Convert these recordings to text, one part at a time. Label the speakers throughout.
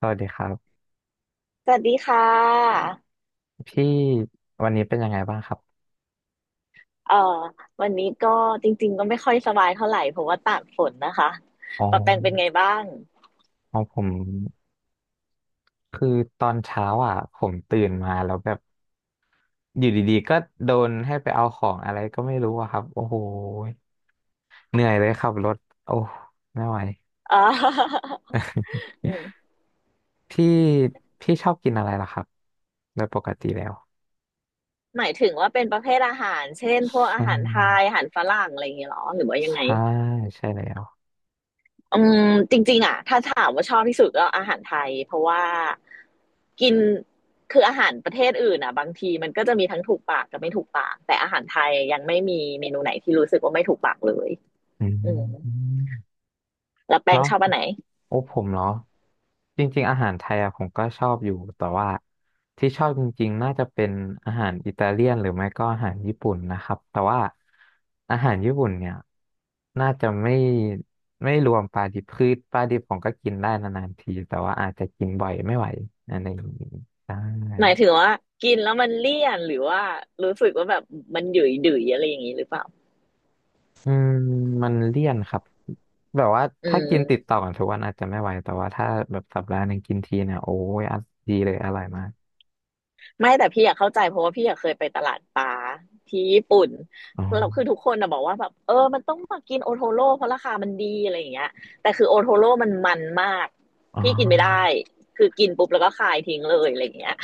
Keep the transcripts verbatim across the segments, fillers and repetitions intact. Speaker 1: สวัสดีครับ
Speaker 2: สวัสดีค่ะ
Speaker 1: พี่วันนี้เป็นยังไงบ้างครับ
Speaker 2: เอ่อวันนี้ก็จริงๆก็ไม่ค่อยสบายเท่าไหร่เพราะว่าตากฝนนะคะ
Speaker 1: อ๋อ
Speaker 2: ปะแปงเป็นไงบ้าง
Speaker 1: อ๋อผมคือตอนเช้าอ่ะผมตื่นมาแล้วแบบอยู่ดีๆก็โดนให้ไปเอาของอะไรก็ไม่รู้อะครับโอ้โหเหนื่อยเลยขับรถโอ้ไม่ไหว
Speaker 2: เอ่อ อืม
Speaker 1: พี่พี่ชอบกินอะไรล่ะครับโดยปกติแล้ว
Speaker 2: หมายถึงว่าเป็นประเภทอาหารเช่นพวกอา
Speaker 1: อื
Speaker 2: หารไทยอา
Speaker 1: ม
Speaker 2: หารฝรั่งอะไรอย่างเงี้ยเหรอหรือว่ายังไง
Speaker 1: ใช่ใช่แล้ว
Speaker 2: อืมจริงๆอ่ะถ้าถามว่าชอบที่สุดก็อาหารไทยเพราะว่ากินคืออาหารประเทศอื่นอ่ะบางทีมันก็จะมีทั้งถูกปากกับไม่ถูกปากแต่อาหารไทยยังไม่มีเมนูไหนที่รู้สึกว่าไม่ถูกปากเลย
Speaker 1: อ
Speaker 2: อืม
Speaker 1: ืม
Speaker 2: แล้วแป
Speaker 1: แล้
Speaker 2: ง
Speaker 1: ว
Speaker 2: ชอบอันไหน
Speaker 1: โอ้ผมเนาะจริงๆอาหารไทยอะผมก็ชอบอยู่แต่ว่าที่ชอบจริงๆน่าจะเป็นอาหารอิตาเลียนหรือไม่ก็อาหารญี่ปุ่นนะครับแต่ว่าอาหารญี่ปุ่นเนี่ยน่าจะไม่ไม่รวมปลาดิบคือปลาดิบผมก็กินได้นานๆทีแต่ว่าอาจจะกินบ่อยไม่ไหวอะไรอย่างนี้ได้
Speaker 2: หมายถึงว่ากินแล้วมันเลี่ยนหรือว่ารู้สึกว่าแบบมันหยุยดุยๆอะไรอย่างนี้หรือเปล่า
Speaker 1: อืมมันเลี่ยนครับแบบว่า
Speaker 2: อื
Speaker 1: ถ้ากินติด
Speaker 2: ม
Speaker 1: ต่อกันทุกวันอาจจะไม่ไหวแต่ว่าถ้าแบบสัปดาห์หนึ่งกินทีเนี่ยโอ้ยอ่ะดีเลยอร่อยมาก
Speaker 2: ไม่แต่พี่อยากเข้าใจเพราะว่าพี่อยากเคยไปตลาดปลาที่ญี่ปุ่น
Speaker 1: อ๋อ
Speaker 2: เราคือทุกคนนะบอกว่าแบบเออมันต้องมากินโอโทโร่เพราะราคามันดีอะไรอย่างเงี้ยแต่คือโอโทโร่มันมันมาก
Speaker 1: อ๋
Speaker 2: พี่กินไม่ได้
Speaker 1: อ
Speaker 2: คือกินปุ๊บแล้วก็คายทิ้งเลยอะไรอย่างเงี้ย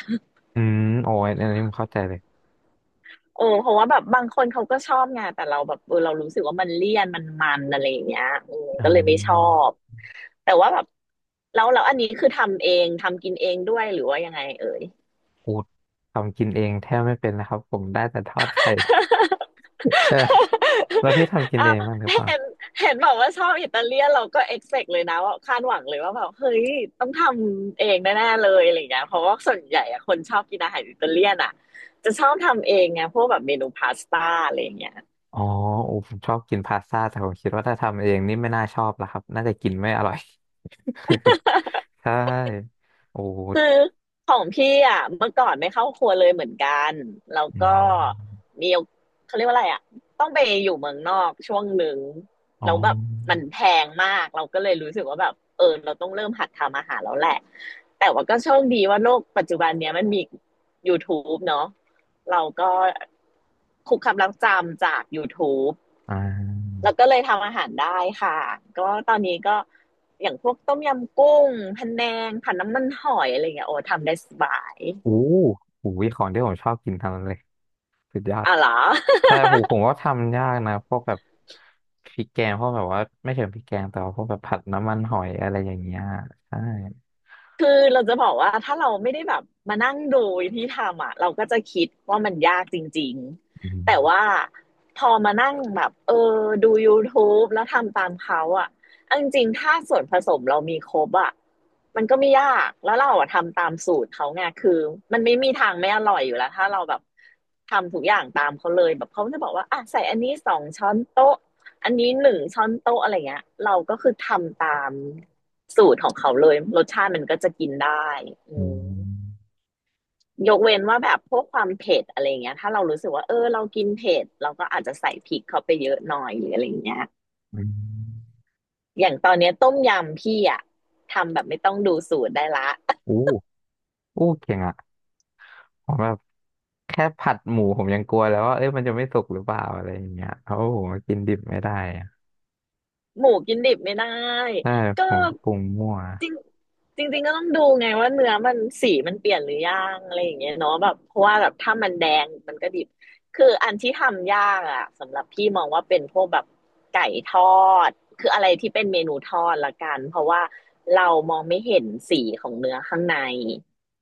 Speaker 1: อืมโอ้ยอันนี้ผมเข้าใจเลย
Speaker 2: เออเพราะว่าแบบบางคนเขาก็ชอบไงแต่เราแบบเออเรารู้สึกว่ามันเลี่ยนมันมันอะไรอย่างเงี้ยอืม
Speaker 1: อื
Speaker 2: ก็เลยไม่ชอ
Speaker 1: ม
Speaker 2: บแต่ว่าแบบแล้วแล้วอันนี้คือทำเองทำกินเองด้วยหรือว่ายังไงเอ่ย
Speaker 1: อูดทำกินเองแทบไม่เป็นนะครับผมได้แต่ทอดไข่ ใช่แล้วพี่ทำกิ น
Speaker 2: อ้า
Speaker 1: เอ
Speaker 2: ว
Speaker 1: งบ้างหรือเปล่า
Speaker 2: เห็นเห็นบอกว่าชอบอิตาเลียนเราก็เอ็กเซกเลยนะว่าคาดหวังเลยว่าแบบเฮ้ยต้องทำเองแน่ๆเลยอะไรอย่างเงี้ยเพราะว่าส่วนใหญ่อะคนชอบกินอาหารอิตาเลียนอะจะชอบทำเองไงพวกแบบเมนูพาสต้าอะไรอย่างเงี้ย
Speaker 1: อ๋ออูผมชอบกินพาสต้าแต่ผมคิดว่าถ้าทำเองนี่ไม่น่าชอบละครับน่าจะกินไม่อร่อย ใช่โอ
Speaker 2: คือ
Speaker 1: ้
Speaker 2: ของพี่อ่ะเมื่อก่อนไม่เข้าครัวเลยเหมือนกันแล้ว
Speaker 1: อื
Speaker 2: ก็
Speaker 1: ม
Speaker 2: มีเขาเรียกว่าอะไรอ่ะต้องไปอยู่เมืองนอกช่วงหนึ่ง
Speaker 1: อ๋อ
Speaker 2: แล้วแบบมันแพงมากเราก็เลยรู้สึกว่าแบบเออเราต้องเริ่มหัดทำอาหารแล้วแหละแต่ว่าก็โชคดีว่าโลกปัจจุบันเนี้ยมันมี YouTube เนาะเราก็คุกคำลักจำจาก YouTube
Speaker 1: อ่า
Speaker 2: แล้วก็เลยทำอาหารได้ค่ะ ก็ตอนนี้ก็อย่างพวกต้มยำกุ้งพะแนงผัดน้ำมันหอยอะไรอย่างเงี้ยโอ้ทำได้สบาย
Speaker 1: อู้หูยของที่ผมชอบกินทั้งนั้นเลยสุดยอด
Speaker 2: อ่ะเหรอ
Speaker 1: แต่ผมผมก็ทำยากนะพวกแบบพริกแกงพวกแบบว่าไม่เชิงพริกแกงแต่ว่าพวกแบบผัดน้ำมันหอยอะไรอย่างเงี้ยใช่
Speaker 2: คือเราจะบอกว่าถ้าเราไม่ได้แบบมานั่งดูที่ทำอ่ะเราก็จะคิดว่ามันยากจริง
Speaker 1: อืม
Speaker 2: ๆแต่ว่าพอมานั่งแบบเออดู YouTube แล้วทำตามเขาอ่ะาจริงๆถ้าส่วนผสมเรามีครบอ่ะมันก็ไม่ยากแล้วเราอะทำตามสูตรเขาไงคือมันไม่มีทางไม่อร่อยอยู่แล้วถ้าเราแบบทำทุกอย่างตามเขาเลยแบบเขาจะบอกว่าอ่ะใส่อันนี้สองช้อนโต๊ะ อันนี้หนึ่งช้อนโต๊ะอะไรเงี้ยเราก็คือทำตามสูตรของเขาเลยรสชาติมันก็จะกินได้อื
Speaker 1: อื
Speaker 2: ม
Speaker 1: ม
Speaker 2: ยกเว้นว่าแบบพวกความเผ็ดอะไรเงี้ยถ้าเรารู้สึกว่าเออเรากินเผ็ดเราก็อาจจะใส่พริกเข้าไปเยอะหน่อยหรืออะไรเงี้ย
Speaker 1: อืม
Speaker 2: อย่างตอนเนี้ยต้มยำพี่อะทำแบบไม่ต้องดูสูตรได้ละ
Speaker 1: อู้อู้เก่งอ่ะผมแบบแค่ผัดหมูผมยังกลัวแล้วว่าเอ้ยมันจะไม่สุกหรือเปล่าอะไรอย่างเงี้ยเพราะว่าผมก็กินดิบไม่ได้อะ
Speaker 2: หมูกินดิบไม่ได้
Speaker 1: ใช่
Speaker 2: ก็
Speaker 1: ผมก็ปรุงมั่ว
Speaker 2: จริงจริงๆก็ต้องดูไงว่าเนื้อมันสีมันเปลี่ยนหรือยังอะไรอย่างเงี้ยเนาะแบบเพราะว่าแบบถ้ามันแดงมันก็ดิบคืออันที่ทำยากอะสำหรับพี่มองว่าเป็นพวกแบบไก่ทอดคืออะไรที่เป็นเมนูทอดละกันเพราะว่าเรามองไม่เห็นสีของเนื้อข้างใน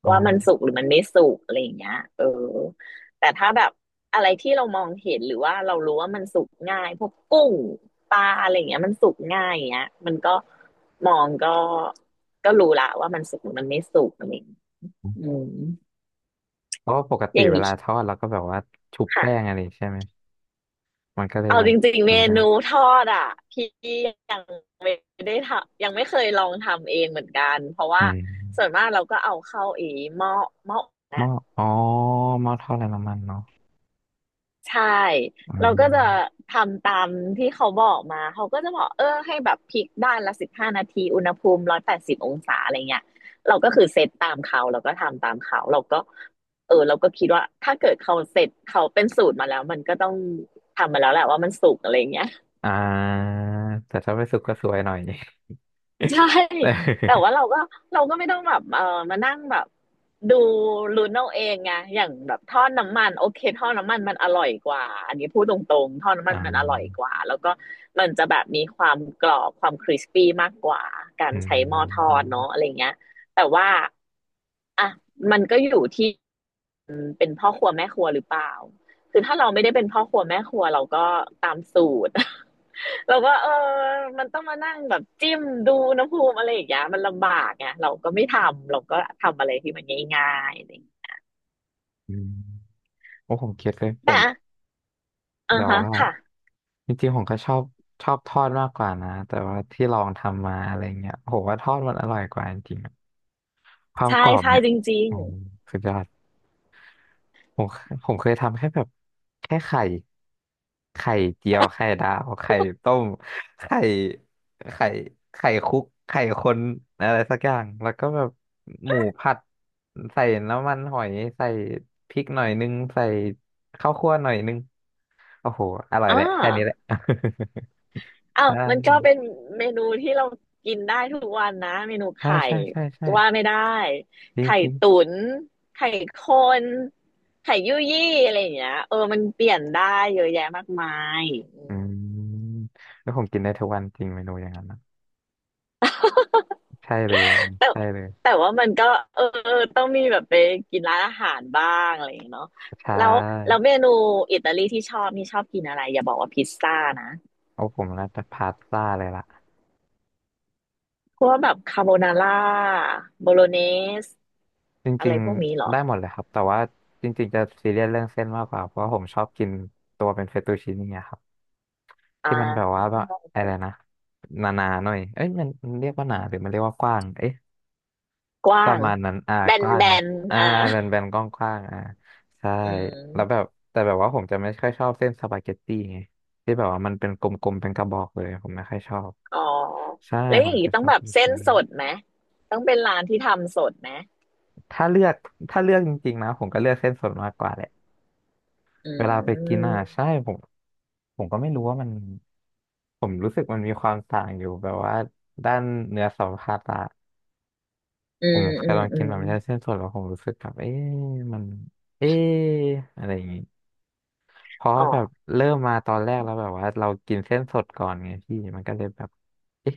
Speaker 1: อ๋
Speaker 2: ว่ามัน
Speaker 1: อ
Speaker 2: สุกหรือมันไม่สุกอะไรอย่างเงี้ยเออ แต่ถ้าแบบอะไรที่เรามองเห็นหรือว่าเรารู้ว่ามันสุกง่ายพวกกุ้งปลาอะไรอย่างเงี้ยมันสุกง่ายอย่างเงี้ยมันก็มองก็ก็รู้ละว่ามันสุกหรือมันไม่สุกอะไรอย่างเงี้ยอืม
Speaker 1: เพราะว่าปก
Speaker 2: อ
Speaker 1: ติ
Speaker 2: ย่าง
Speaker 1: เว
Speaker 2: นี้
Speaker 1: ลาทอดเราก็แบบว่าชุบแป้ง
Speaker 2: ค่ะ
Speaker 1: อะไรใช่ไหมมันก็เลย
Speaker 2: เอา
Speaker 1: แบ
Speaker 2: จ
Speaker 1: บ
Speaker 2: ริงๆ
Speaker 1: ดู
Speaker 2: เม
Speaker 1: ยา
Speaker 2: นู
Speaker 1: ก
Speaker 2: ทอดอ่ะพี่ยังไม่ได้ทำยังไม่เคยลองทำเองเหมือนกันเพราะ
Speaker 1: อื
Speaker 2: ว่า
Speaker 1: ม
Speaker 2: ส่วนมากเราก็เอาเข้าไอีหม้อหม้อ
Speaker 1: หม้ออ๋อหม้อทอดไร้น้ำมันเนาะ
Speaker 2: ใช่
Speaker 1: อื
Speaker 2: เราก็จะ
Speaker 1: ม
Speaker 2: ทำตามที่เขาบอกมาเขาก็จะบอกเออให้แบบพลิกด้านละสิบห้านาทีอุณหภูมิร้อยแปดสิบองศาอะไรเงี้ยเราก็คือเซตตามเขาเราก็ทำตามเขาเราก็เออเราก็คิดว่าถ้าเกิดเขาเสร็จเขาเป็นสูตรมาแล้วมันก็ต้องทำมาแล้วแหละว่ามันสุกอะไรเงี้ย
Speaker 1: อ่าแต่ถ้าไปสุกก็สวยหน่อย
Speaker 2: ใช่
Speaker 1: เออ
Speaker 2: แต่ว่าเรา ก็เราก็ไม่ต้องแบบเออมานั่งแบบดูลุ้นเอาเองไงอย่างแบบทอดน้ำมันโอเคทอดน้ำมันมันอร่อยกว่าอันนี้พูดตรงๆทอดน้ำ
Speaker 1: อ่
Speaker 2: มันมันอร่อย
Speaker 1: า
Speaker 2: กว่าแล้วก็มันจะแบบมีความกรอบความคริสปี้มากกว่ากา
Speaker 1: อื
Speaker 2: รใช้หม้อทอ
Speaker 1: ม
Speaker 2: ดเนาะอะไรเงี้ยแต่ว่าอ่ะมันก็อยู่ที่เป็นพ่อครัวแม่ครัวหรือเปล่าคือถ้าเราไม่ได้เป็นพ่อครัวแม่ครัวเราก็ตามสูตร เราก็เออมันต้องมานั่งแบบจิ้มดูอุณหภูมิอะไรอย่างเงี้ยมันลำบากไงเราก็ไม่ทำเราก็ทำอะไรที่มันง่ายๆอะไรอย่างเงี้ย
Speaker 1: อืมโอ้ผมคิดเลยผ
Speaker 2: แต่
Speaker 1: มแบ
Speaker 2: อ่า
Speaker 1: บ
Speaker 2: ฮะ
Speaker 1: ว่า
Speaker 2: ค่ะ
Speaker 1: จริงๆผมก็ชอบชอบทอดมากกว่านะ แต่ว่าที่ลองทำมาอะไรเงี้ยผมว่าทอดมันอร่อยกว่าจริงๆอะความ
Speaker 2: ใช่
Speaker 1: กรอบ
Speaker 2: ใช่
Speaker 1: เนี่ย
Speaker 2: จริง
Speaker 1: อ๋อสุดยอด ผมผมเคยทำแค่แบบแค่ไข่ไข่เจียวไข่ดาวไข่ต้มไข่ไข่ไข่คุกไข่คนอะไรสักอย่างแล้วก็แบบหมูผัดใส่น้ำมันหอยใส่พริกหน่อยนึงใส่ข้าวคั่วหน่อยนึงโอ้โหอร่อ
Speaker 2: ๆ
Speaker 1: ย
Speaker 2: อ่า
Speaker 1: แหละแค่นี้แหละ
Speaker 2: อ้าวมันก็
Speaker 1: อ่า
Speaker 2: เป็นเมนูที่เรากินได้ทุกวันนะ เมนู
Speaker 1: ใช่
Speaker 2: ไข่
Speaker 1: ใช่ใช่ใช่
Speaker 2: ว่าไม่ได้
Speaker 1: จริง
Speaker 2: ไข่
Speaker 1: จริง
Speaker 2: ตุ๋นไข่คนไข่ยุ่ยยี่อะไรอย่างเงี้ยเออมันเปลี่ยนได้เยอะแยะมากมายอื
Speaker 1: อื
Speaker 2: ม
Speaker 1: มแล้วผมกินได้ทุกวันจริงเมนูอย่างนั้นนะใช่เลย
Speaker 2: แต่
Speaker 1: ใช่เลย
Speaker 2: แต่ว่ามันก็เออต้องมีแบบไปกินร้านอาหารบ้างอะไรอย่างเงี้ยเนาะ
Speaker 1: ใช่
Speaker 2: แล้วแล้วเมนูอิตาลีที่ชอบนี่ชอบกินอะไรอย่าบอกว่าพิซซ่านะ
Speaker 1: เอาผมน่าจะพาสต้าเลยล่ะ
Speaker 2: พวกแบบคาโบนาร่าโบโลเนส
Speaker 1: จ
Speaker 2: อะไร
Speaker 1: ริง
Speaker 2: พวกนี้เหรอ
Speaker 1: ๆได้หมดเลยครับแต่ว่าจริงๆจะซีเรียสเรื่องเส้นมากกว่าเพราะว่าผมชอบกินตัวเป็นเฟตตูชินี่อะครับ
Speaker 2: อ่
Speaker 1: ที่มันแบบว่า
Speaker 2: า
Speaker 1: แบบอะไรนะหนาๆหน่อยเอ้ยมันมันเรียกว่าหนาหรือมันเรียกว่ากว้างเอ๊ะ
Speaker 2: ก
Speaker 1: ป
Speaker 2: ว้า
Speaker 1: ระ
Speaker 2: ง
Speaker 1: มาณนั้นอ่า
Speaker 2: แบ
Speaker 1: ก
Speaker 2: น
Speaker 1: ว้าง
Speaker 2: แบ
Speaker 1: นะ
Speaker 2: น
Speaker 1: อ่า
Speaker 2: อ่า
Speaker 1: แบนแบนกว้างกว้างอ่าใช่
Speaker 2: อื
Speaker 1: แล้วแบ
Speaker 2: ม
Speaker 1: บแต่แบบว่าผมจะไม่ค่อยชอบเส้นสปาเกตตี้ไงที่แบบว่ามันเป็นกลมๆเป็นกระบอกเลยผมไม่ค่อยชอบ
Speaker 2: อ๋อ
Speaker 1: ใช่
Speaker 2: แล้ว
Speaker 1: ผ
Speaker 2: อย่า
Speaker 1: ม
Speaker 2: ง
Speaker 1: จะ
Speaker 2: นี้ต้
Speaker 1: ช
Speaker 2: อง
Speaker 1: อบ
Speaker 2: แบบ
Speaker 1: ลูก
Speaker 2: เส้น
Speaker 1: ชิ้น
Speaker 2: สดไหมต้องเป็นร้านที่ทำสดไหม
Speaker 1: ถ้าเลือกถ้าเลือกจริงๆนะผมก็เลือกเส้นสดมากกว่าแหละ
Speaker 2: อื
Speaker 1: เวลาไปกิน
Speaker 2: ม
Speaker 1: อ่ะใช่ผมผมก็ไม่รู้ว่ามันผมรู้สึกมันมีความต่างอยู่แบบว่าด้านเนื้อสัมผัสอะ
Speaker 2: อื
Speaker 1: ผ
Speaker 2: ม
Speaker 1: มเค
Speaker 2: อื
Speaker 1: ย
Speaker 2: ม
Speaker 1: ลอง
Speaker 2: อื
Speaker 1: กิน
Speaker 2: ม
Speaker 1: แบบไม่ใช่เส้นสดแล้วผมรู้สึกแบบเอ๊ะมันเอ๊ะอะไรอย่างงี้เพราะ
Speaker 2: อ๋อ
Speaker 1: ว่าแบบเริ่มมาตอนแรกแล้วแบบว่าเรากินเส้นสดก่อนไงพี่มันก็เลยแบบเอ๊ะ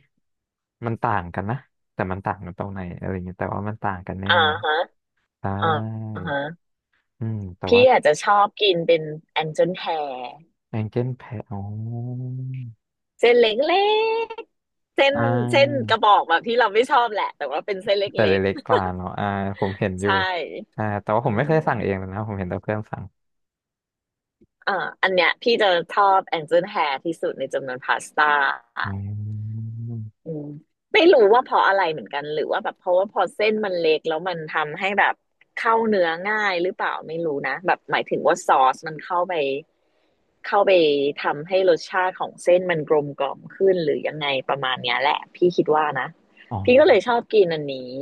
Speaker 1: มันต่างกันนะแต่มันต่างกันตรงไหนอะไรอย่างงี้แต่ว่ามันต่างกัน
Speaker 2: อ่า
Speaker 1: แน่
Speaker 2: ฮะ
Speaker 1: ๆใช่
Speaker 2: อ่าฮะ
Speaker 1: อืมแต่
Speaker 2: พี่
Speaker 1: ว่า
Speaker 2: อาจจะชอบกินเป็นแองเจิลแฮร์
Speaker 1: แองเจิลแพะอ๋อ
Speaker 2: เส้นเล็กๆเส้น
Speaker 1: อ่
Speaker 2: เส้นกระ
Speaker 1: า
Speaker 2: บอกแบบที่เราไม่ชอบแหละแต่ว่าเป็นเส้นเล
Speaker 1: แต่
Speaker 2: ็ก
Speaker 1: เล็กๆกว่าเนาะอ่าผมเห็น
Speaker 2: ๆ
Speaker 1: อยู่
Speaker 2: ใช่
Speaker 1: ใช่าแต่ว่าผ
Speaker 2: อื
Speaker 1: มไม่เคย
Speaker 2: ม
Speaker 1: สั่งเองเลยนะผมเห็นแต่เพื่อนสั่ง
Speaker 2: อ่าอันเนี้ยพี่จะชอบแองเจิลแฮร์ที่สุดในจำนวนพาสต้า
Speaker 1: อืม
Speaker 2: อืมไม่รู้ว่าเพราะอะไรเหมือนกันหรือว่าแบบเพราะว่าพอเส้นมันเล็กแล้วมันทำให้แบบเข้าเนื้อง่ายหรือเปล่าไม่รู้นะแบบหมายถึงว่าซอสมันเข้าไปเข้าไปทำให้รสชาติของเส้นมันกลมกล่อมขึ้นหรือยังไงประมาณเนี้ยแหละพี่คิดว่านะ
Speaker 1: อ๋อ
Speaker 2: พี่ก็เลยชอบกินอันนี้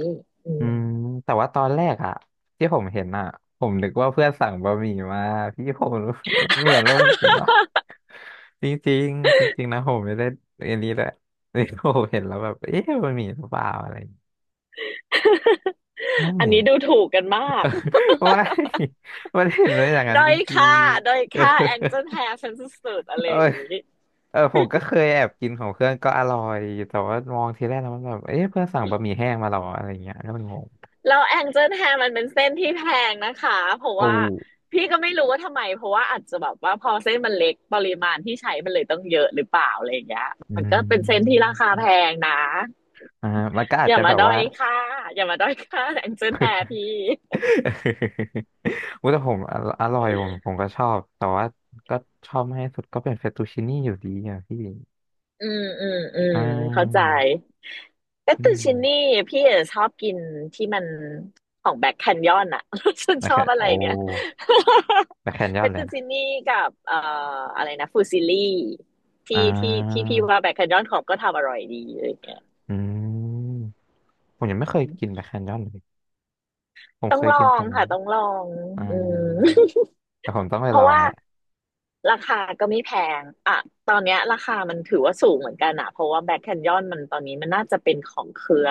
Speaker 2: อื
Speaker 1: อื
Speaker 2: ม
Speaker 1: มแต่ว่าตอนแรกอะที่ผมเห็นอะผมนึกว่าเพื่อนสั่งบะหมี่มาพี่ผม เหมือนว่าบะหมี่ว่าจริงๆจริงๆนะผมไม่ได้อันนี้เลย นี่ผมเห็นแล้วแบบเอ๊ะบะหมี่หรือเปล่าอะไรอย่างเงี้ยใช่
Speaker 2: อันนี้ดูถูกกันมาก
Speaker 1: ว่า มันเห็นเลยอย่างนั้น
Speaker 2: ด้อ
Speaker 1: จ
Speaker 2: ย
Speaker 1: ริง
Speaker 2: ค่าด้อยค่า
Speaker 1: ๆ
Speaker 2: แองเจิลแฮร์ฉันสุดๆอะไร
Speaker 1: เออ
Speaker 2: อย่างนี้
Speaker 1: เออผมก็เคยแอบกินของเพื่อนก็อร่อยแต่ว่ามองทีแรกแล้วมันแบบเอ๊ะเพื่อนสั่งบะหมี่แห้งมาเหรออะไรเงี้ยแล้วมันงง
Speaker 2: แล้วแองเจิลแฮร์มันเป็นเส้นที่แพงนะคะเพราะ
Speaker 1: โอ้
Speaker 2: ว่าพี่ก็ไม่รู้ว่าทำไมเพราะว่าอาจจะแบบว่าพอเส้นมันเล็กปริมาณที่ใช้มันเลยต้องเยอะหรือเปล่าอะไรอย่างเงี้ย
Speaker 1: อื
Speaker 2: มันก็เป็นเส้นที่
Speaker 1: ม
Speaker 2: ราคาแพงนะ
Speaker 1: อ่ามันก็อาจ
Speaker 2: อย่า
Speaker 1: จะแบ
Speaker 2: มา
Speaker 1: บ
Speaker 2: ด้อ
Speaker 1: ว่า
Speaker 2: ยค่าอย่ามาด้อยค่าแองเจิลแฮร์พี่
Speaker 1: อุ้ยแต่ผมอร่อร่อยผมผมก็ชอบแต่ว่าก็ชอบมากที่สุดก็เป็นเฟตตูชินี่อยู่ดีอ่ะพี่
Speaker 2: อืมอืมอื
Speaker 1: ใช่
Speaker 2: มเข้าใจก็ต
Speaker 1: อื
Speaker 2: ตูชินี่
Speaker 1: ม
Speaker 2: พี่อะชอบกินที่มันของแบ็คแคนยอนอะ ฉัน
Speaker 1: แมค
Speaker 2: ช
Speaker 1: แค
Speaker 2: อบ
Speaker 1: น
Speaker 2: อะ
Speaker 1: โอ้
Speaker 2: ไรเนี่ย
Speaker 1: แมคแคนย
Speaker 2: เป
Speaker 1: อน
Speaker 2: ต
Speaker 1: เลย
Speaker 2: ตู
Speaker 1: นะ
Speaker 2: ชินี่กับเอ่ออะไรนะฟูซิลี่
Speaker 1: อ่
Speaker 2: ที่ที่ที่
Speaker 1: า
Speaker 2: พี่ว่าแบ็คแคนยอนของก็ทำอร่อยดีอะไรเงี้ย
Speaker 1: อืมผมยังไม่เคยกินแมคแคนยอนเลยผม
Speaker 2: ต้อ
Speaker 1: เค
Speaker 2: ง
Speaker 1: ย
Speaker 2: ลอ
Speaker 1: กิน
Speaker 2: ง
Speaker 1: แต่นั้
Speaker 2: ค่ะ
Speaker 1: น
Speaker 2: ต้องลอง
Speaker 1: อ่า
Speaker 2: อืม
Speaker 1: แต่ผมต้องไป
Speaker 2: เพ
Speaker 1: ล
Speaker 2: ราะ
Speaker 1: อง
Speaker 2: ว่า
Speaker 1: แหละ
Speaker 2: ราคาก็ไม่แพงอ่ะตอนเนี้ยราคามันถือว่าสูงเหมือนกันอะเพราะว่าแบ็คแคนยอนมันตอนนี้มันน่าจะเป็นของเครือ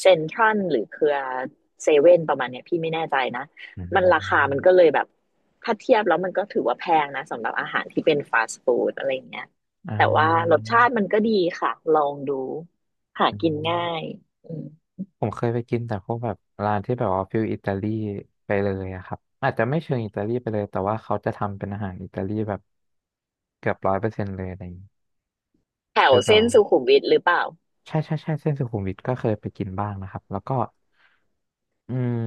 Speaker 2: เซ็นทรัลหรือเครือเซเว่นประมาณเนี้ยพี่ไม่แน่ใจนะ
Speaker 1: อื
Speaker 2: มันราคา
Speaker 1: ม
Speaker 2: มันก็เลยแบบถ้าเทียบแล้วมันก็ถือว่าแพงนะสำหรับอาหารที่เป็นฟาสต์ฟู้ดอะไรอย่างเงี้ย
Speaker 1: อ่
Speaker 2: แต่ว่ารส
Speaker 1: า
Speaker 2: ชาติมันก็ดีค่ะลองดูหา
Speaker 1: อื
Speaker 2: กิน
Speaker 1: ม
Speaker 2: ง่ายอืม
Speaker 1: ผมเคยไปกินแต่พวกแบบร้านที่แบบว่าฟิลอิตาลีไปเลยอะครับอาจจะไม่เชิงอิตาลีไปเลยแต่ว่าเขาจะทำเป็นอาหารอิตาลีแบบเกือบร้อยเปอร์เซ็นต์เลยอะไรอย่างงี้
Speaker 2: แถ
Speaker 1: ฟิ
Speaker 2: ว
Speaker 1: ลแบบ
Speaker 2: เส้น
Speaker 1: ว่า
Speaker 2: สุขุมวิทหรือเปล่า
Speaker 1: ใช่ใช่ใช่เส้นสุขุมวิทก็เคยไปกินบ้างนะครับแล้วก็อืม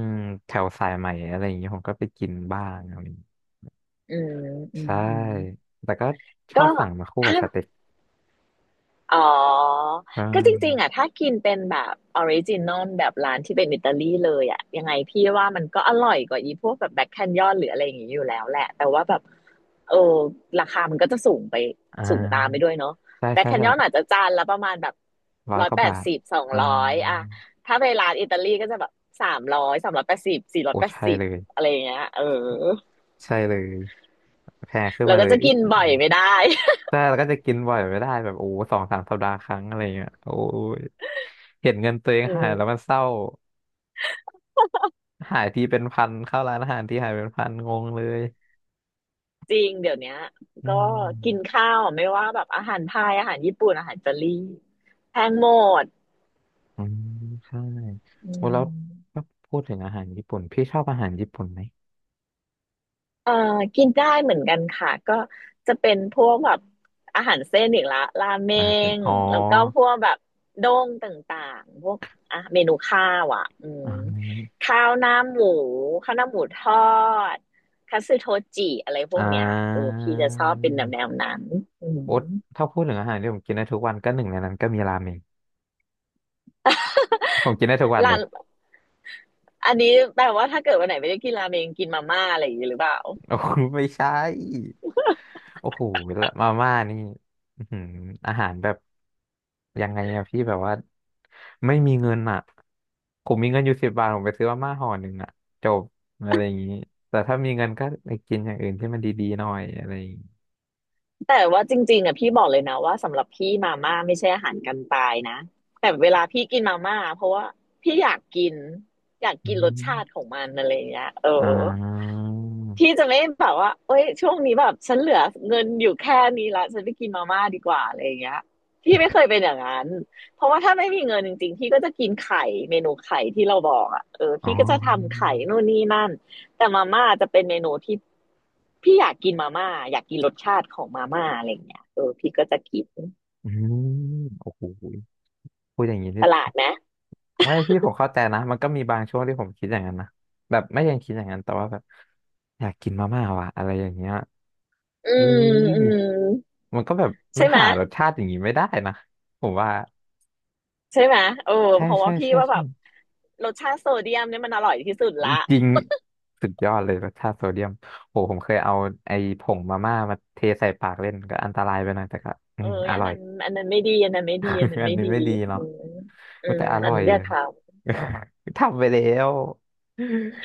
Speaker 1: แถวสายใหม่อะไรอย่างงี้ผมก็ไปกินบ้างอะไรอย่างงี้
Speaker 2: อืมอืม
Speaker 1: ใช่
Speaker 2: อืม
Speaker 1: แต่ก็ชอ
Speaker 2: ก็
Speaker 1: บสั่งมาคู่กั
Speaker 2: ถ้า
Speaker 1: บสเต็ก
Speaker 2: อ๋อ
Speaker 1: อ่
Speaker 2: ก็จริงๆอ่ะ
Speaker 1: า
Speaker 2: ถ้ากินเป็นแบบออริจินอลแบบร้านที่เป็นอิตาลีเลยอ่ะยังไงพี่ว่ามันก็อร่อยกว่าอีพวกแบบแบ็คแคนยอนหรืออะไรอย่างงี้อยู่แล้วแหละแต่ว่าแบบเออราคามันก็จะสูงไป
Speaker 1: อ่
Speaker 2: สูงตามไปด้
Speaker 1: า
Speaker 2: วยเนาะ
Speaker 1: ใช่
Speaker 2: แบ็ค
Speaker 1: ใช่
Speaker 2: แคน
Speaker 1: ใช่
Speaker 2: ยอนอาจจะจานละประมาณแบบ
Speaker 1: ร้อย
Speaker 2: ร้อ
Speaker 1: ก
Speaker 2: ย
Speaker 1: ว่า
Speaker 2: แป
Speaker 1: บา
Speaker 2: ด
Speaker 1: ท
Speaker 2: สิบสอง
Speaker 1: อื
Speaker 2: ร้อยอะ
Speaker 1: ม
Speaker 2: ถ้าไปร้านอิตาลีก็จะแบบสามร้อยสามร้อยแปดสิบสี่ร้อ
Speaker 1: โอ้
Speaker 2: ยแปด
Speaker 1: ใช่
Speaker 2: สิบ
Speaker 1: เลย
Speaker 2: อะไรอย่างเงี้ยเออ
Speaker 1: ใช่เลยแพงขึ้น
Speaker 2: เรา
Speaker 1: มา
Speaker 2: ก็
Speaker 1: เลย
Speaker 2: จะ
Speaker 1: อึ๊
Speaker 2: กิ
Speaker 1: บ
Speaker 2: นบ่อยไม่ได้
Speaker 1: ใช่แล้วก็จะกินบ่อยไม่ได้แบบโอ้สองสามสัปดาห์ครั้งอะไรเงี้ยโอ้ยเห็นเงินตัวเอง
Speaker 2: อื
Speaker 1: หาย
Speaker 2: ม
Speaker 1: แล้วมันเศร้า หายทีเป็นพันเข้าร้านอาหารทีหายเป็นพันงงเลย
Speaker 2: จริงเดี๋ยวเนี้ย
Speaker 1: อื
Speaker 2: ก็กิน
Speaker 1: ม
Speaker 2: ข้าวไม่ว่าแบบอาหารไทยอาหารญี่ปุ่นอาหารอิตาลีแพงหมด
Speaker 1: อืมใช่
Speaker 2: อื
Speaker 1: โอ้แล้ว
Speaker 2: ม
Speaker 1: ถ้าพูดถึงอาหารญี่ปุ่นพี่ชอบอาหารญี่ปุ่นไหม
Speaker 2: เอ่อกินได้เหมือนกันค่ะก็จะเป็นพวกแบบอาหารเส้นอีกละราเม
Speaker 1: นะารเป็น
Speaker 2: ง
Speaker 1: อ๋อ
Speaker 2: แล้วก็พวกแบบโด้งต่างๆพวกอ่ะเมนูข้าวอ่ะอืม
Speaker 1: อ่า
Speaker 2: ข้าวหน้าหมูข้าวหน้าหมูทอดคัตสึโทจิอะไรพ
Speaker 1: อ่
Speaker 2: วกเนี้ยเออ
Speaker 1: า
Speaker 2: พี่จะชอบเป็นแนวแนวนั้นอืม
Speaker 1: โอ๊ตถ้าพูดถึงอาหารที่ผมกินได้ทุกวันก็หนึ่งในนั้นก็มีราเมงผมกินได้ทุกวันเล
Speaker 2: ร้า
Speaker 1: ย
Speaker 2: น อันนี้แปลว่าถ้าเกิดวันไหนไม่ได้กินราเมงกินมาม่าอะไรอย่างนี้หรือเปล่า
Speaker 1: โอ้โหไม่ใช่โอ้โหมาม่านี่อื้อหืออาหารแบบยังไงอะพี่แบบว่าไม่มีเงินอะผมมีเงินอยู่สิบบาทผมไปซื้อมาม่าห่อหนึ่งอะจบอะไรอย่างนี้แต่ถ้ามีเงินก็ไปกินอย่างอื่นที่มันดีๆหน่อยอะไรอย่างงี้
Speaker 2: แต่ว่าจริงๆอ่ะพี่บอกเลยนะว่าสำหรับพี่มาม่าไม่ใช่อาหารกันตายนะแต่เวลาพี่กินมาม่าเพราะว่าพี่อยากกินอยาก
Speaker 1: อื
Speaker 2: กินรสชาติข
Speaker 1: ม
Speaker 2: องมันอะไรอย่างเงี้ยเออ
Speaker 1: อ่า
Speaker 2: พี่จะไม่แบบว่าเอ้ยช่วงนี้แบบฉันเหลือเงินอยู่แค่นี้ละฉันไปกินมาม่าดีกว่าอะไรอย่างเงี้ยพี่ไม่เคยเป็นอย่างนั้นเพราะว่าถ้าไม่มีเงินจริงๆพี่ก็จะกินไข่เมนูไข่ที่เราบอกอ่ะเออ
Speaker 1: อ๋อ
Speaker 2: พี่ก็จะทำไข่นู่นนี่นั่นแต่มาม่าจะเป็นเมนูที่พี่อยากกินมาม่าอยากกินรสชาติของมาม่าอะไรอย่างเงี้ยเออพี่ก็จะกิน
Speaker 1: อืมโอ้โหพูดอย่างนี้
Speaker 2: ป
Speaker 1: นี่
Speaker 2: ระหลาดไหม
Speaker 1: ไม่พี่ผมเข้าใจนะมันก็มีบางช่วงที่ผมคิดอย่างนั้นนะแบบไม่ยังคิดอย่างนั้นแต่ว่าแบบอยากกินมาม่าว่ะอะไรอย่างเงี้ย
Speaker 2: อื
Speaker 1: เฮ้
Speaker 2: ม
Speaker 1: ย
Speaker 2: อืม
Speaker 1: มันก็แบบมั
Speaker 2: ใช่
Speaker 1: น
Speaker 2: ไหม
Speaker 1: หารสชาติอย่างนี้ไม่ได้นะผมว่า
Speaker 2: ใช่ไหมเออ
Speaker 1: ใช่
Speaker 2: เพราะ
Speaker 1: ใช่
Speaker 2: ว่าพี่
Speaker 1: ใช่
Speaker 2: ว่าแบ
Speaker 1: ใช่
Speaker 2: บรสชาติโซเดียมเนี่ยมันอร่อยที่สุดละ
Speaker 1: จริงสุดยอดเลยรสชาติโซเดียมโหผมเคยเอาไอ้ผงมาม่ามาเทใส่ปากเล่นก็อันตรายไปหน่อยแต่ก็อื
Speaker 2: เอ้
Speaker 1: ม
Speaker 2: ย
Speaker 1: อ
Speaker 2: อัน
Speaker 1: ร่อย
Speaker 2: นั้นอันนั้นไม่ดีอันนั้นไม่ดีอันนั้ น
Speaker 1: อัน
Speaker 2: ไม่
Speaker 1: นี้
Speaker 2: ดี
Speaker 1: ไม่ดี
Speaker 2: อื
Speaker 1: เนาะ
Speaker 2: มอื
Speaker 1: อุ๊ย
Speaker 2: ม
Speaker 1: แต่อ
Speaker 2: อั
Speaker 1: ร่
Speaker 2: น
Speaker 1: อย
Speaker 2: นั้นอย่า
Speaker 1: อะ
Speaker 2: ท
Speaker 1: ทำไปแล้ว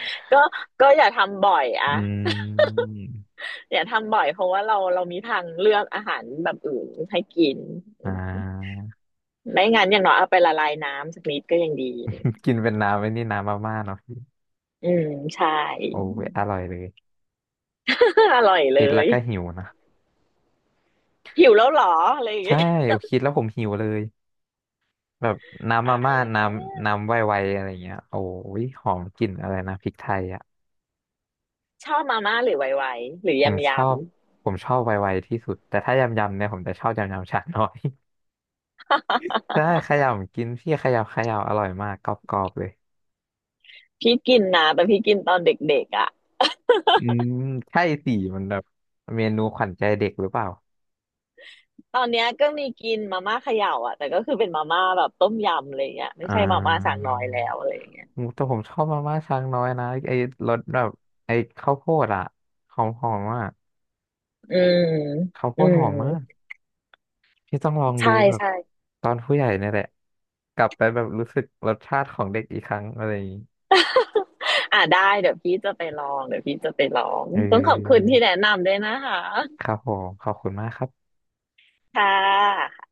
Speaker 2: ำ ก็ก็อย่าทำบ่อย
Speaker 1: อื
Speaker 2: อะ
Speaker 1: ม
Speaker 2: อย่าทำบ่อยเพราะว่าเราเรามีทางเลือกอาหารแบบอื่นให้กินอื
Speaker 1: อ่
Speaker 2: ม
Speaker 1: า
Speaker 2: ไม่งั้นอย่างน้อยเอาไปละลายน้ำสักนิดก็ยังดีอะไรอย่างเงี้ย
Speaker 1: กินเป็นน้ำไอ้นี่น้ำมาม่าเนาะ
Speaker 2: อืมใช่
Speaker 1: โอ้ยอร่อยเลย
Speaker 2: อร่อยเล
Speaker 1: คิดแล้ว
Speaker 2: ย
Speaker 1: ก็หิวนะ
Speaker 2: หิวแล้วเหรออะไรอย่าง
Speaker 1: ใช่
Speaker 2: เงี้ย
Speaker 1: โอ้คิดแล้วผมหิวเลยแบบน้ำมา
Speaker 2: ตาย
Speaker 1: ม่า
Speaker 2: แล้
Speaker 1: น้
Speaker 2: ว
Speaker 1: ำน้ำไวๆอะไรเงี้ยโอ้ยหอมกลิ่นอะไรนะพริกไทยอ่ะ
Speaker 2: ชอบมาม่าหรือไวไวหรือ
Speaker 1: ผม
Speaker 2: ยำ
Speaker 1: ช
Speaker 2: ยำ
Speaker 1: อบผมชอบไวๆที่สุดแต่ถ้ายำๆเนี่ยผมจะชอบยำๆชาน้อย ใช่ขยำกินพี่ขยำขยำอร่อยมากกรอบๆเลย
Speaker 2: พี่กินนะแต่พี่กินตอนเด็กๆอ่ะ
Speaker 1: อืมใช่สิมันแบบเมนูขวัญใจเด็กหรือเปล่า
Speaker 2: ตอนเนี้ยก็มีกินมาม่าเขย่าอ่ะแต่ก็คือเป็นมาม่าแบบต้มยำอะไรเงี้ยไม่
Speaker 1: อ่า
Speaker 2: ใช่มาม่าสั่งน้อยแล้วอะไรเงี้ย
Speaker 1: อืมแต่ผมชอบมาม่าช้างน้อยนะไอ้รสแบบไอ้ข้าวโพดอะหอมหอมอะ
Speaker 2: อืม
Speaker 1: ข้าวโพ
Speaker 2: อื
Speaker 1: ดห
Speaker 2: ม
Speaker 1: อมมากพี่ต้องลองดู
Speaker 2: ใช่
Speaker 1: แบบ
Speaker 2: ใช่
Speaker 1: ตอนผู้ใหญ่เนี่ยแหละกลับไปแบบรู้สึกรสชาติของเด็กอีกครั้งอะไรอย่างนี้
Speaker 2: อ่ะได้เดี๋ยวพี่จะไปลองเดี๋ยวพี่จะไปลอง
Speaker 1: เ
Speaker 2: ต้องขอบคุณ
Speaker 1: ออ
Speaker 2: ที่แนะนำด้วยนะคะ
Speaker 1: ครับผมขอบคุณมากครับ
Speaker 2: ค่ะ